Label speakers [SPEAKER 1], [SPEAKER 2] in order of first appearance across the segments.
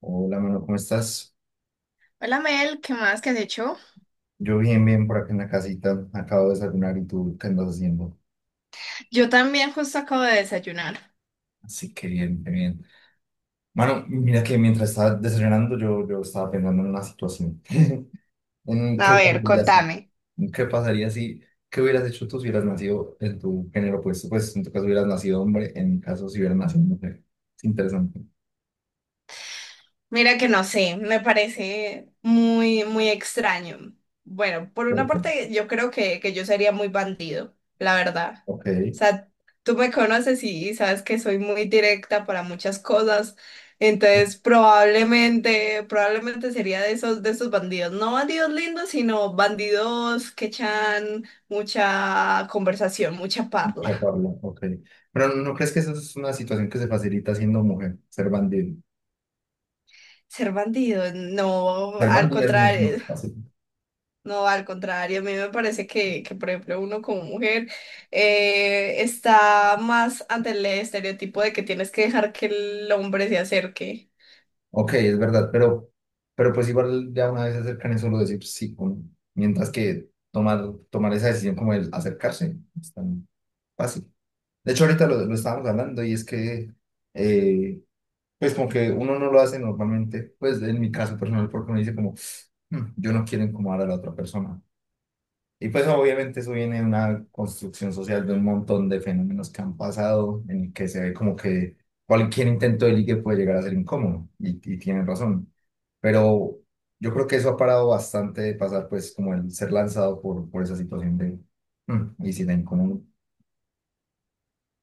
[SPEAKER 1] Hola, Manuel, ¿cómo estás?
[SPEAKER 2] Hola Mel, ¿qué más? ¿Qué has hecho?
[SPEAKER 1] Yo bien, bien, por acá en la casita. Acabo de desayunar y tú, ¿qué andas haciendo?
[SPEAKER 2] Yo también justo acabo de desayunar.
[SPEAKER 1] Así que bien, qué bien. Mano, mira que mientras estaba desayunando yo estaba pensando en una situación. ¿En
[SPEAKER 2] A
[SPEAKER 1] qué
[SPEAKER 2] ver,
[SPEAKER 1] pasaría si?
[SPEAKER 2] contame.
[SPEAKER 1] ¿En qué pasaría si? ¿Qué hubieras hecho tú si hubieras nacido en tu género opuesto? Pues en tu caso hubieras nacido hombre, en mi caso si hubieras nacido mujer. Es interesante.
[SPEAKER 2] Mira que no sé, me parece muy, muy extraño. Bueno, por
[SPEAKER 1] ¿Por
[SPEAKER 2] una
[SPEAKER 1] qué?
[SPEAKER 2] parte yo creo que yo sería muy bandido, la verdad.
[SPEAKER 1] Ok.
[SPEAKER 2] O sea, tú me conoces y sabes que soy muy directa para muchas cosas, entonces probablemente sería de esos bandidos. No bandidos lindos, sino bandidos que echan mucha conversación, mucha
[SPEAKER 1] Ya,
[SPEAKER 2] parla.
[SPEAKER 1] Pablo, ok. Pero ¿no crees que esa es una situación que se facilita siendo mujer, ser bandido?
[SPEAKER 2] Ser bandido, no, al
[SPEAKER 1] Garbandia es mucho
[SPEAKER 2] contrario,
[SPEAKER 1] más fácil.
[SPEAKER 2] no, al contrario, a mí me parece que por ejemplo, uno como mujer está más ante el estereotipo de que tienes que dejar que el hombre se acerque.
[SPEAKER 1] Ok, es verdad, pero pues igual ya una vez se acercan es solo decir pues, sí, mientras que tomar esa decisión como el acercarse es tan fácil. De hecho, ahorita lo estábamos hablando y es que, eh, pues como que uno no lo hace normalmente, pues en mi caso personal, porque uno dice como, yo no quiero incomodar a la otra persona". Y pues obviamente eso viene de una construcción social de un montón de fenómenos que han pasado, en el que se ve como que cualquier intento de ligue puede llegar a ser incómodo, y tienen razón. Pero yo creo que eso ha parado bastante de pasar, pues como el ser lanzado por esa situación de... "Mm, ¿y si la incómodo?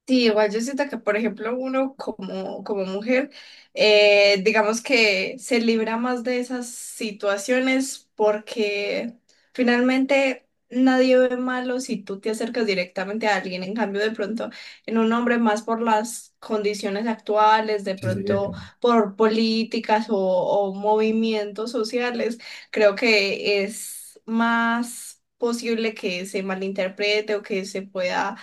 [SPEAKER 2] Sí, igual yo siento que, por ejemplo, uno como, como mujer, digamos que se libra más de esas situaciones porque finalmente nadie ve malo si tú te acercas directamente a alguien. En cambio, de pronto, en un hombre más por las condiciones actuales, de
[SPEAKER 1] Sí, sí, epa".
[SPEAKER 2] pronto por políticas o movimientos sociales, creo que es más posible que se malinterprete o que se pueda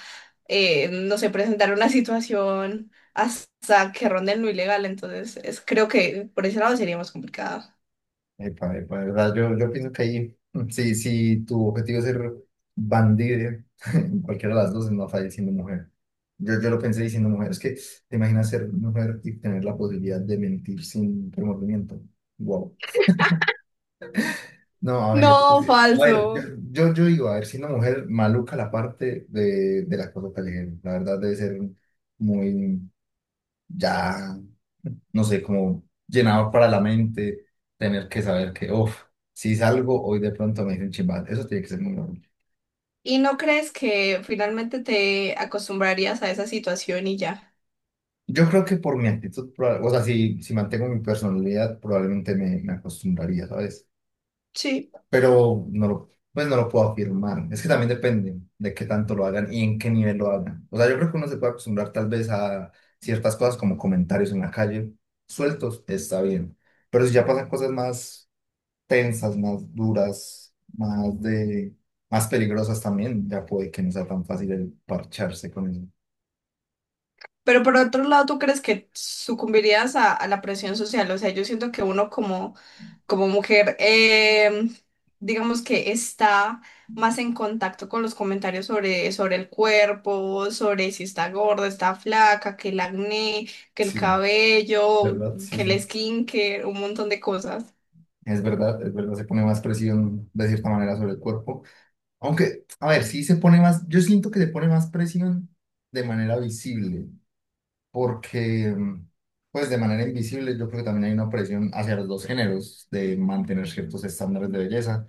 [SPEAKER 2] no sé, presentar una situación hasta que ronde en lo ilegal. Entonces, es, creo que por ese lado sería más complicado.
[SPEAKER 1] Epa, epa, de verdad, yo pienso que ahí, sí, sí, tu objetivo es ser bandida, en cualquiera de las dos, no falla siendo mujer. Yo lo pensé diciendo mujer, es que te imaginas ser mujer y tener la posibilidad de mentir sin remordimiento. Wow. No, a ver,
[SPEAKER 2] No,
[SPEAKER 1] sí. A ver,
[SPEAKER 2] falso.
[SPEAKER 1] yo digo, a ver, siendo mujer, maluca la parte de las cosas callejeras. La verdad debe ser muy, ya, no sé, como llenador para la mente, tener que saber que, uff, si salgo hoy de pronto me dicen chimbal, eso tiene que ser muy normal.
[SPEAKER 2] ¿Y no crees que finalmente te acostumbrarías a esa situación y ya?
[SPEAKER 1] Yo creo que por mi actitud, o sea, si mantengo mi personalidad, probablemente me acostumbraría, ¿sabes?
[SPEAKER 2] Sí.
[SPEAKER 1] Pero no lo, pues no lo puedo afirmar. Es que también depende de qué tanto lo hagan y en qué nivel lo hagan. O sea, yo creo que uno se puede acostumbrar tal vez a ciertas cosas como comentarios en la calle, sueltos, está bien. Pero si ya pasan cosas más tensas, más duras, más de, más peligrosas también, ya puede que no sea tan fácil el parcharse con eso.
[SPEAKER 2] Pero por otro lado, ¿tú crees que sucumbirías a la presión social? O sea, yo siento que uno como, como mujer, digamos que está más en contacto con los comentarios sobre, sobre el cuerpo, sobre si está gorda, está flaca, que el acné, que el
[SPEAKER 1] Sí,
[SPEAKER 2] cabello,
[SPEAKER 1] ¿verdad? Sí,
[SPEAKER 2] que el
[SPEAKER 1] sí.
[SPEAKER 2] skincare, un montón de cosas.
[SPEAKER 1] Es verdad, se pone más presión de cierta manera sobre el cuerpo. Aunque, a ver, sí se pone más, yo siento que se pone más presión de manera visible, porque, pues de manera invisible, yo creo que también hay una presión hacia los dos géneros de mantener ciertos estándares de belleza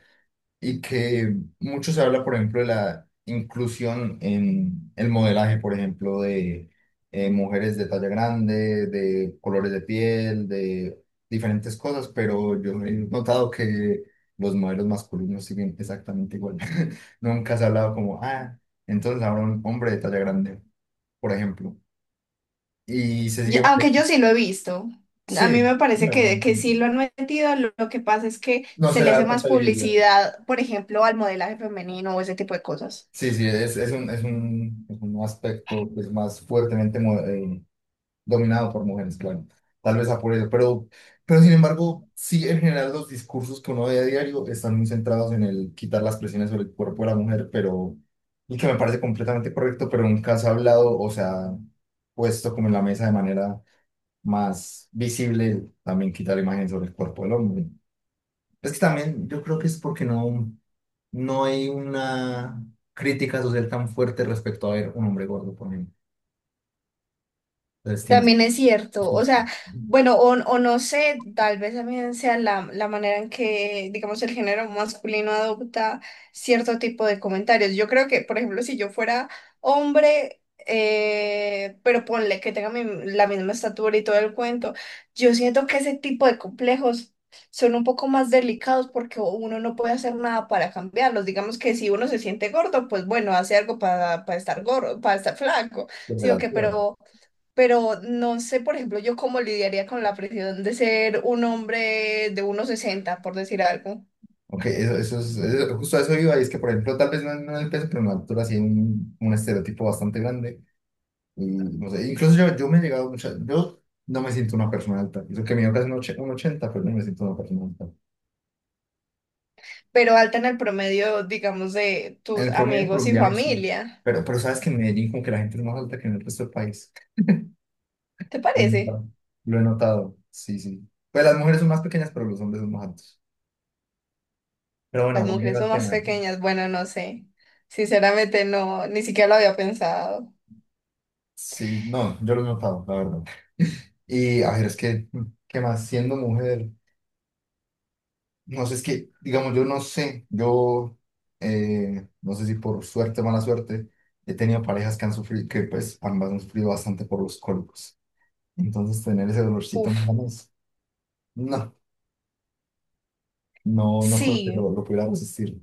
[SPEAKER 1] y que mucho se habla, por ejemplo, de la inclusión en el modelaje, por ejemplo, de mujeres de talla grande, de colores de piel, de diferentes cosas, pero yo he notado que los modelos masculinos siguen exactamente igual. Nunca se ha hablado como, ah, entonces ahora un hombre de talla grande, por ejemplo. Y se
[SPEAKER 2] Yo-
[SPEAKER 1] sigue
[SPEAKER 2] Aunque yo
[SPEAKER 1] manteniendo.
[SPEAKER 2] sí lo he visto. A mí
[SPEAKER 1] Sí.
[SPEAKER 2] me parece que,
[SPEAKER 1] No
[SPEAKER 2] que sí lo han metido. Lo que pasa es que
[SPEAKER 1] no
[SPEAKER 2] se
[SPEAKER 1] se le
[SPEAKER 2] le hace
[SPEAKER 1] da
[SPEAKER 2] más
[SPEAKER 1] tanta visibilidad.
[SPEAKER 2] publicidad, por ejemplo, al modelaje femenino o ese tipo de cosas.
[SPEAKER 1] Sí, sí, es un, es un, es un aspecto pues, más fuertemente dominado por mujeres, claro. Tal vez a por eso, pero sin embargo, sí, en general los discursos que uno ve a diario están muy centrados en el quitar las presiones sobre el cuerpo de la mujer, pero, y que me parece completamente correcto, pero nunca se ha hablado, o sea, puesto como en la mesa de manera más visible, también quitar la imagen sobre el cuerpo del hombre. Es que también yo creo que es porque no, no hay una crítica social tan fuerte respecto a ver un hombre gordo, por ejemplo. Entonces tienes
[SPEAKER 2] También es cierto, o
[SPEAKER 1] sus-
[SPEAKER 2] sea, bueno, o no sé, tal vez también sea la manera en que, digamos, el género masculino adopta cierto tipo de comentarios. Yo creo que, por ejemplo, si yo fuera hombre, pero ponle que tenga mi- la misma estatura y todo el cuento, yo siento que ese tipo de complejos son un poco más delicados porque uno no puede hacer nada para cambiarlos. Digamos que si uno se siente gordo, pues bueno, hace algo para estar gordo, para estar flaco,
[SPEAKER 1] desde
[SPEAKER 2] sí
[SPEAKER 1] la
[SPEAKER 2] o qué,
[SPEAKER 1] altura.
[SPEAKER 2] pero no sé, por ejemplo, yo cómo lidiaría con la presión de ser un hombre de 1,60, por decir algo,
[SPEAKER 1] Ok, eso es, justo a eso iba, y es que, por ejemplo, tal vez no, no en el peso, pero en la altura sí hay un estereotipo bastante grande. Y no sé, incluso yo, yo me he llegado mucho, yo no me siento una persona alta. Eso que mido casi un un 80 pero no me siento una persona alta.
[SPEAKER 2] pero alta en el promedio, digamos, de
[SPEAKER 1] En
[SPEAKER 2] tus
[SPEAKER 1] el promedio
[SPEAKER 2] amigos y
[SPEAKER 1] colombiano sí.
[SPEAKER 2] familia.
[SPEAKER 1] Pero sabes que en Medellín como que la gente es más alta que en el resto del país.
[SPEAKER 2] ¿Te
[SPEAKER 1] Lo he
[SPEAKER 2] parece?
[SPEAKER 1] notado. Lo he notado, sí, sí. Pues las mujeres son más pequeñas, pero los hombres son más altos. Pero bueno,
[SPEAKER 2] Las mujeres
[SPEAKER 1] volviendo al
[SPEAKER 2] son más
[SPEAKER 1] tema.
[SPEAKER 2] pequeñas, bueno, no sé. Sinceramente no, ni siquiera lo había pensado.
[SPEAKER 1] Sí, no, yo lo he notado, la verdad. Y a ver, es que, ¿qué más? Siendo mujer, no sé, es que, digamos, yo no sé, no sé si por suerte o mala suerte, he tenido parejas que han sufrido, que pues ambas han sufrido bastante por los cólicos. Entonces, tener ese dolorcito en
[SPEAKER 2] Uf,
[SPEAKER 1] manos, no, no, no creo que
[SPEAKER 2] sí.
[SPEAKER 1] lo pudiera resistir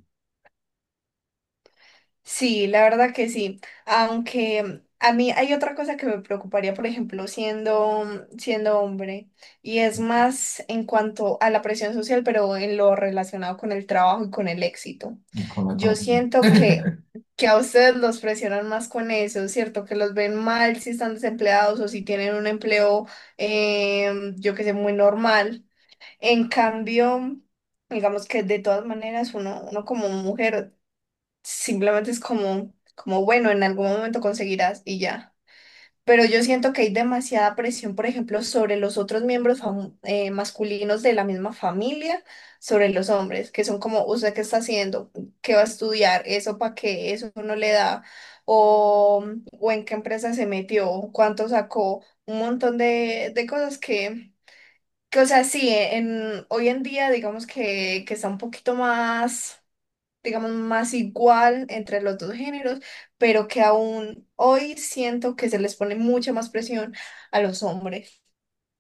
[SPEAKER 2] Sí, la verdad que sí. Aunque a mí hay otra cosa que me preocuparía, por ejemplo, siendo, siendo hombre, y es más en cuanto a la presión social, pero en lo relacionado con el trabajo y con el éxito.
[SPEAKER 1] con la
[SPEAKER 2] Yo
[SPEAKER 1] economía.
[SPEAKER 2] siento que, que a ustedes los presionan más con eso, ¿cierto? Que los ven mal si están desempleados o si tienen un empleo, yo que sé, muy normal. En cambio... Digamos que de todas maneras uno como mujer simplemente es como, como, bueno, en algún momento conseguirás y ya. Pero yo siento que hay demasiada presión, por ejemplo, sobre los otros miembros fam- masculinos de la misma familia, sobre los hombres, que son como, ¿usted qué está haciendo? ¿Qué va a estudiar? ¿Eso para qué? ¿Eso no le da? ¿O, o en qué empresa se metió? ¿Cuánto sacó? Un montón de cosas que, o sea, sí, en, hoy en día digamos que está un poquito más digamos, más igual entre los dos géneros, pero que aún hoy siento que se les pone mucha más presión a los hombres.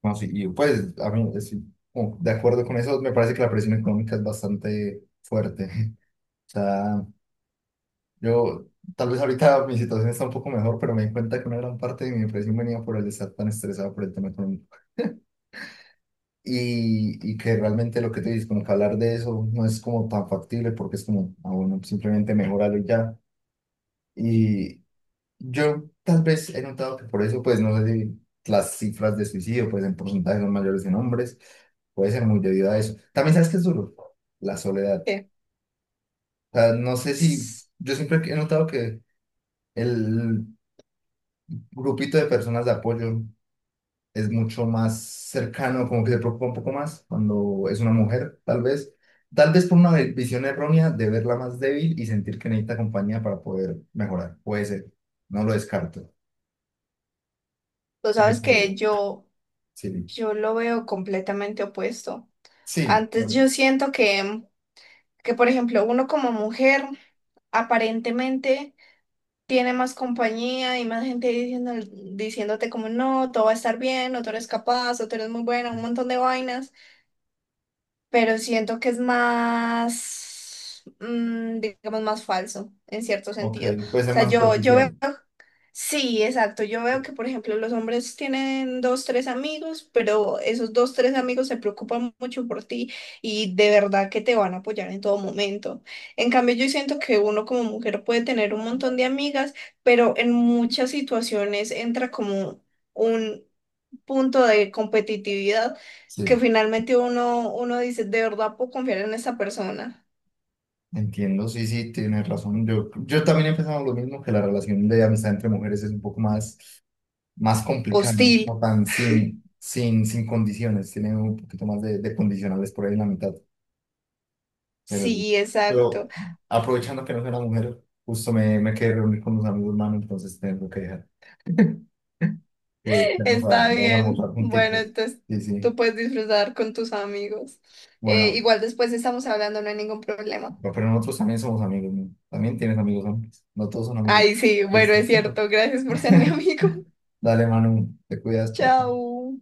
[SPEAKER 1] No, sí, y pues a mí, estoy como de acuerdo con eso, me parece que la presión económica es bastante fuerte. O sea, yo tal vez ahorita mi situación está un poco mejor, pero me di cuenta que una gran parte de mi depresión venía por el estar tan estresado por el tema económico. Y que realmente lo que te dices, como que hablar de eso no es como tan factible porque es como, ah, bueno, simplemente mejorarlo y ya. Y, yo tal vez he notado que por eso, pues no sé si las cifras de suicidio, pues en porcentaje son mayores en hombres, puede ser muy debido a eso. También sabes que es duro, la soledad.
[SPEAKER 2] que
[SPEAKER 1] O sea, no sé si,
[SPEAKER 2] s-
[SPEAKER 1] yo siempre he notado que el grupito de personas de apoyo es mucho más cercano, como que se preocupa un poco más cuando es una mujer, tal vez. Tal vez por una visión errónea de verla más débil y sentir que necesita compañía para poder mejorar. Puede ser, no lo descarto.
[SPEAKER 2] Tú sabes que
[SPEAKER 1] Pero,
[SPEAKER 2] yo,
[SPEAKER 1] sí.
[SPEAKER 2] yo lo veo completamente opuesto.
[SPEAKER 1] Sí, está
[SPEAKER 2] Antes yo
[SPEAKER 1] bien.
[SPEAKER 2] siento que, por ejemplo, uno como mujer aparentemente tiene más compañía y más gente diciendo, diciéndote como no, todo va a estar bien, o tú eres capaz, o tú eres muy buena, un montón de vainas. Pero siento que es más, digamos, más falso en cierto
[SPEAKER 1] Ok,
[SPEAKER 2] sentido. O
[SPEAKER 1] puede ser
[SPEAKER 2] sea,
[SPEAKER 1] más
[SPEAKER 2] yo veo,
[SPEAKER 1] superficial.
[SPEAKER 2] sí, exacto, yo veo que, por ejemplo, los hombres tienen dos, tres amigos, pero esos dos, tres amigos se preocupan mucho por ti y de verdad que te van a apoyar en todo momento. En cambio, yo siento que uno como mujer puede tener un montón de amigas, pero en muchas situaciones entra como... un punto de competitividad que
[SPEAKER 1] Sí,
[SPEAKER 2] finalmente uno dice, ¿de verdad puedo confiar en esa persona?
[SPEAKER 1] entiendo, sí, sí, tienes razón. Yo también he pensado lo mismo, que la relación de amistad entre mujeres es un poco más, más complicada, ¿no?
[SPEAKER 2] Hostil.
[SPEAKER 1] No tan sin condiciones, tiene un poquito más de condicionales por ahí en la mitad. Pero, sí.
[SPEAKER 2] Sí,
[SPEAKER 1] Pero
[SPEAKER 2] exacto.
[SPEAKER 1] aprovechando que no soy una mujer, justo me quedé reunir con unos amigos, hermano, entonces tengo que dejar. Que vamos a,
[SPEAKER 2] Está
[SPEAKER 1] vamos a
[SPEAKER 2] bien.
[SPEAKER 1] almorzar
[SPEAKER 2] Bueno,
[SPEAKER 1] juntitos.
[SPEAKER 2] entonces
[SPEAKER 1] Sí,
[SPEAKER 2] tú
[SPEAKER 1] sí.
[SPEAKER 2] puedes disfrutar con tus amigos.
[SPEAKER 1] Bueno,
[SPEAKER 2] Igual después estamos hablando, no hay ningún problema.
[SPEAKER 1] no, pero nosotros también somos amigos, ¿no? También tienes amigos hombres. No todos son amigos.
[SPEAKER 2] Ay, sí, bueno,
[SPEAKER 1] Listo.
[SPEAKER 2] es cierto. Gracias por ser mi amigo.
[SPEAKER 1] Dale, Manu, te cuidas, chao. Chao.
[SPEAKER 2] Chao.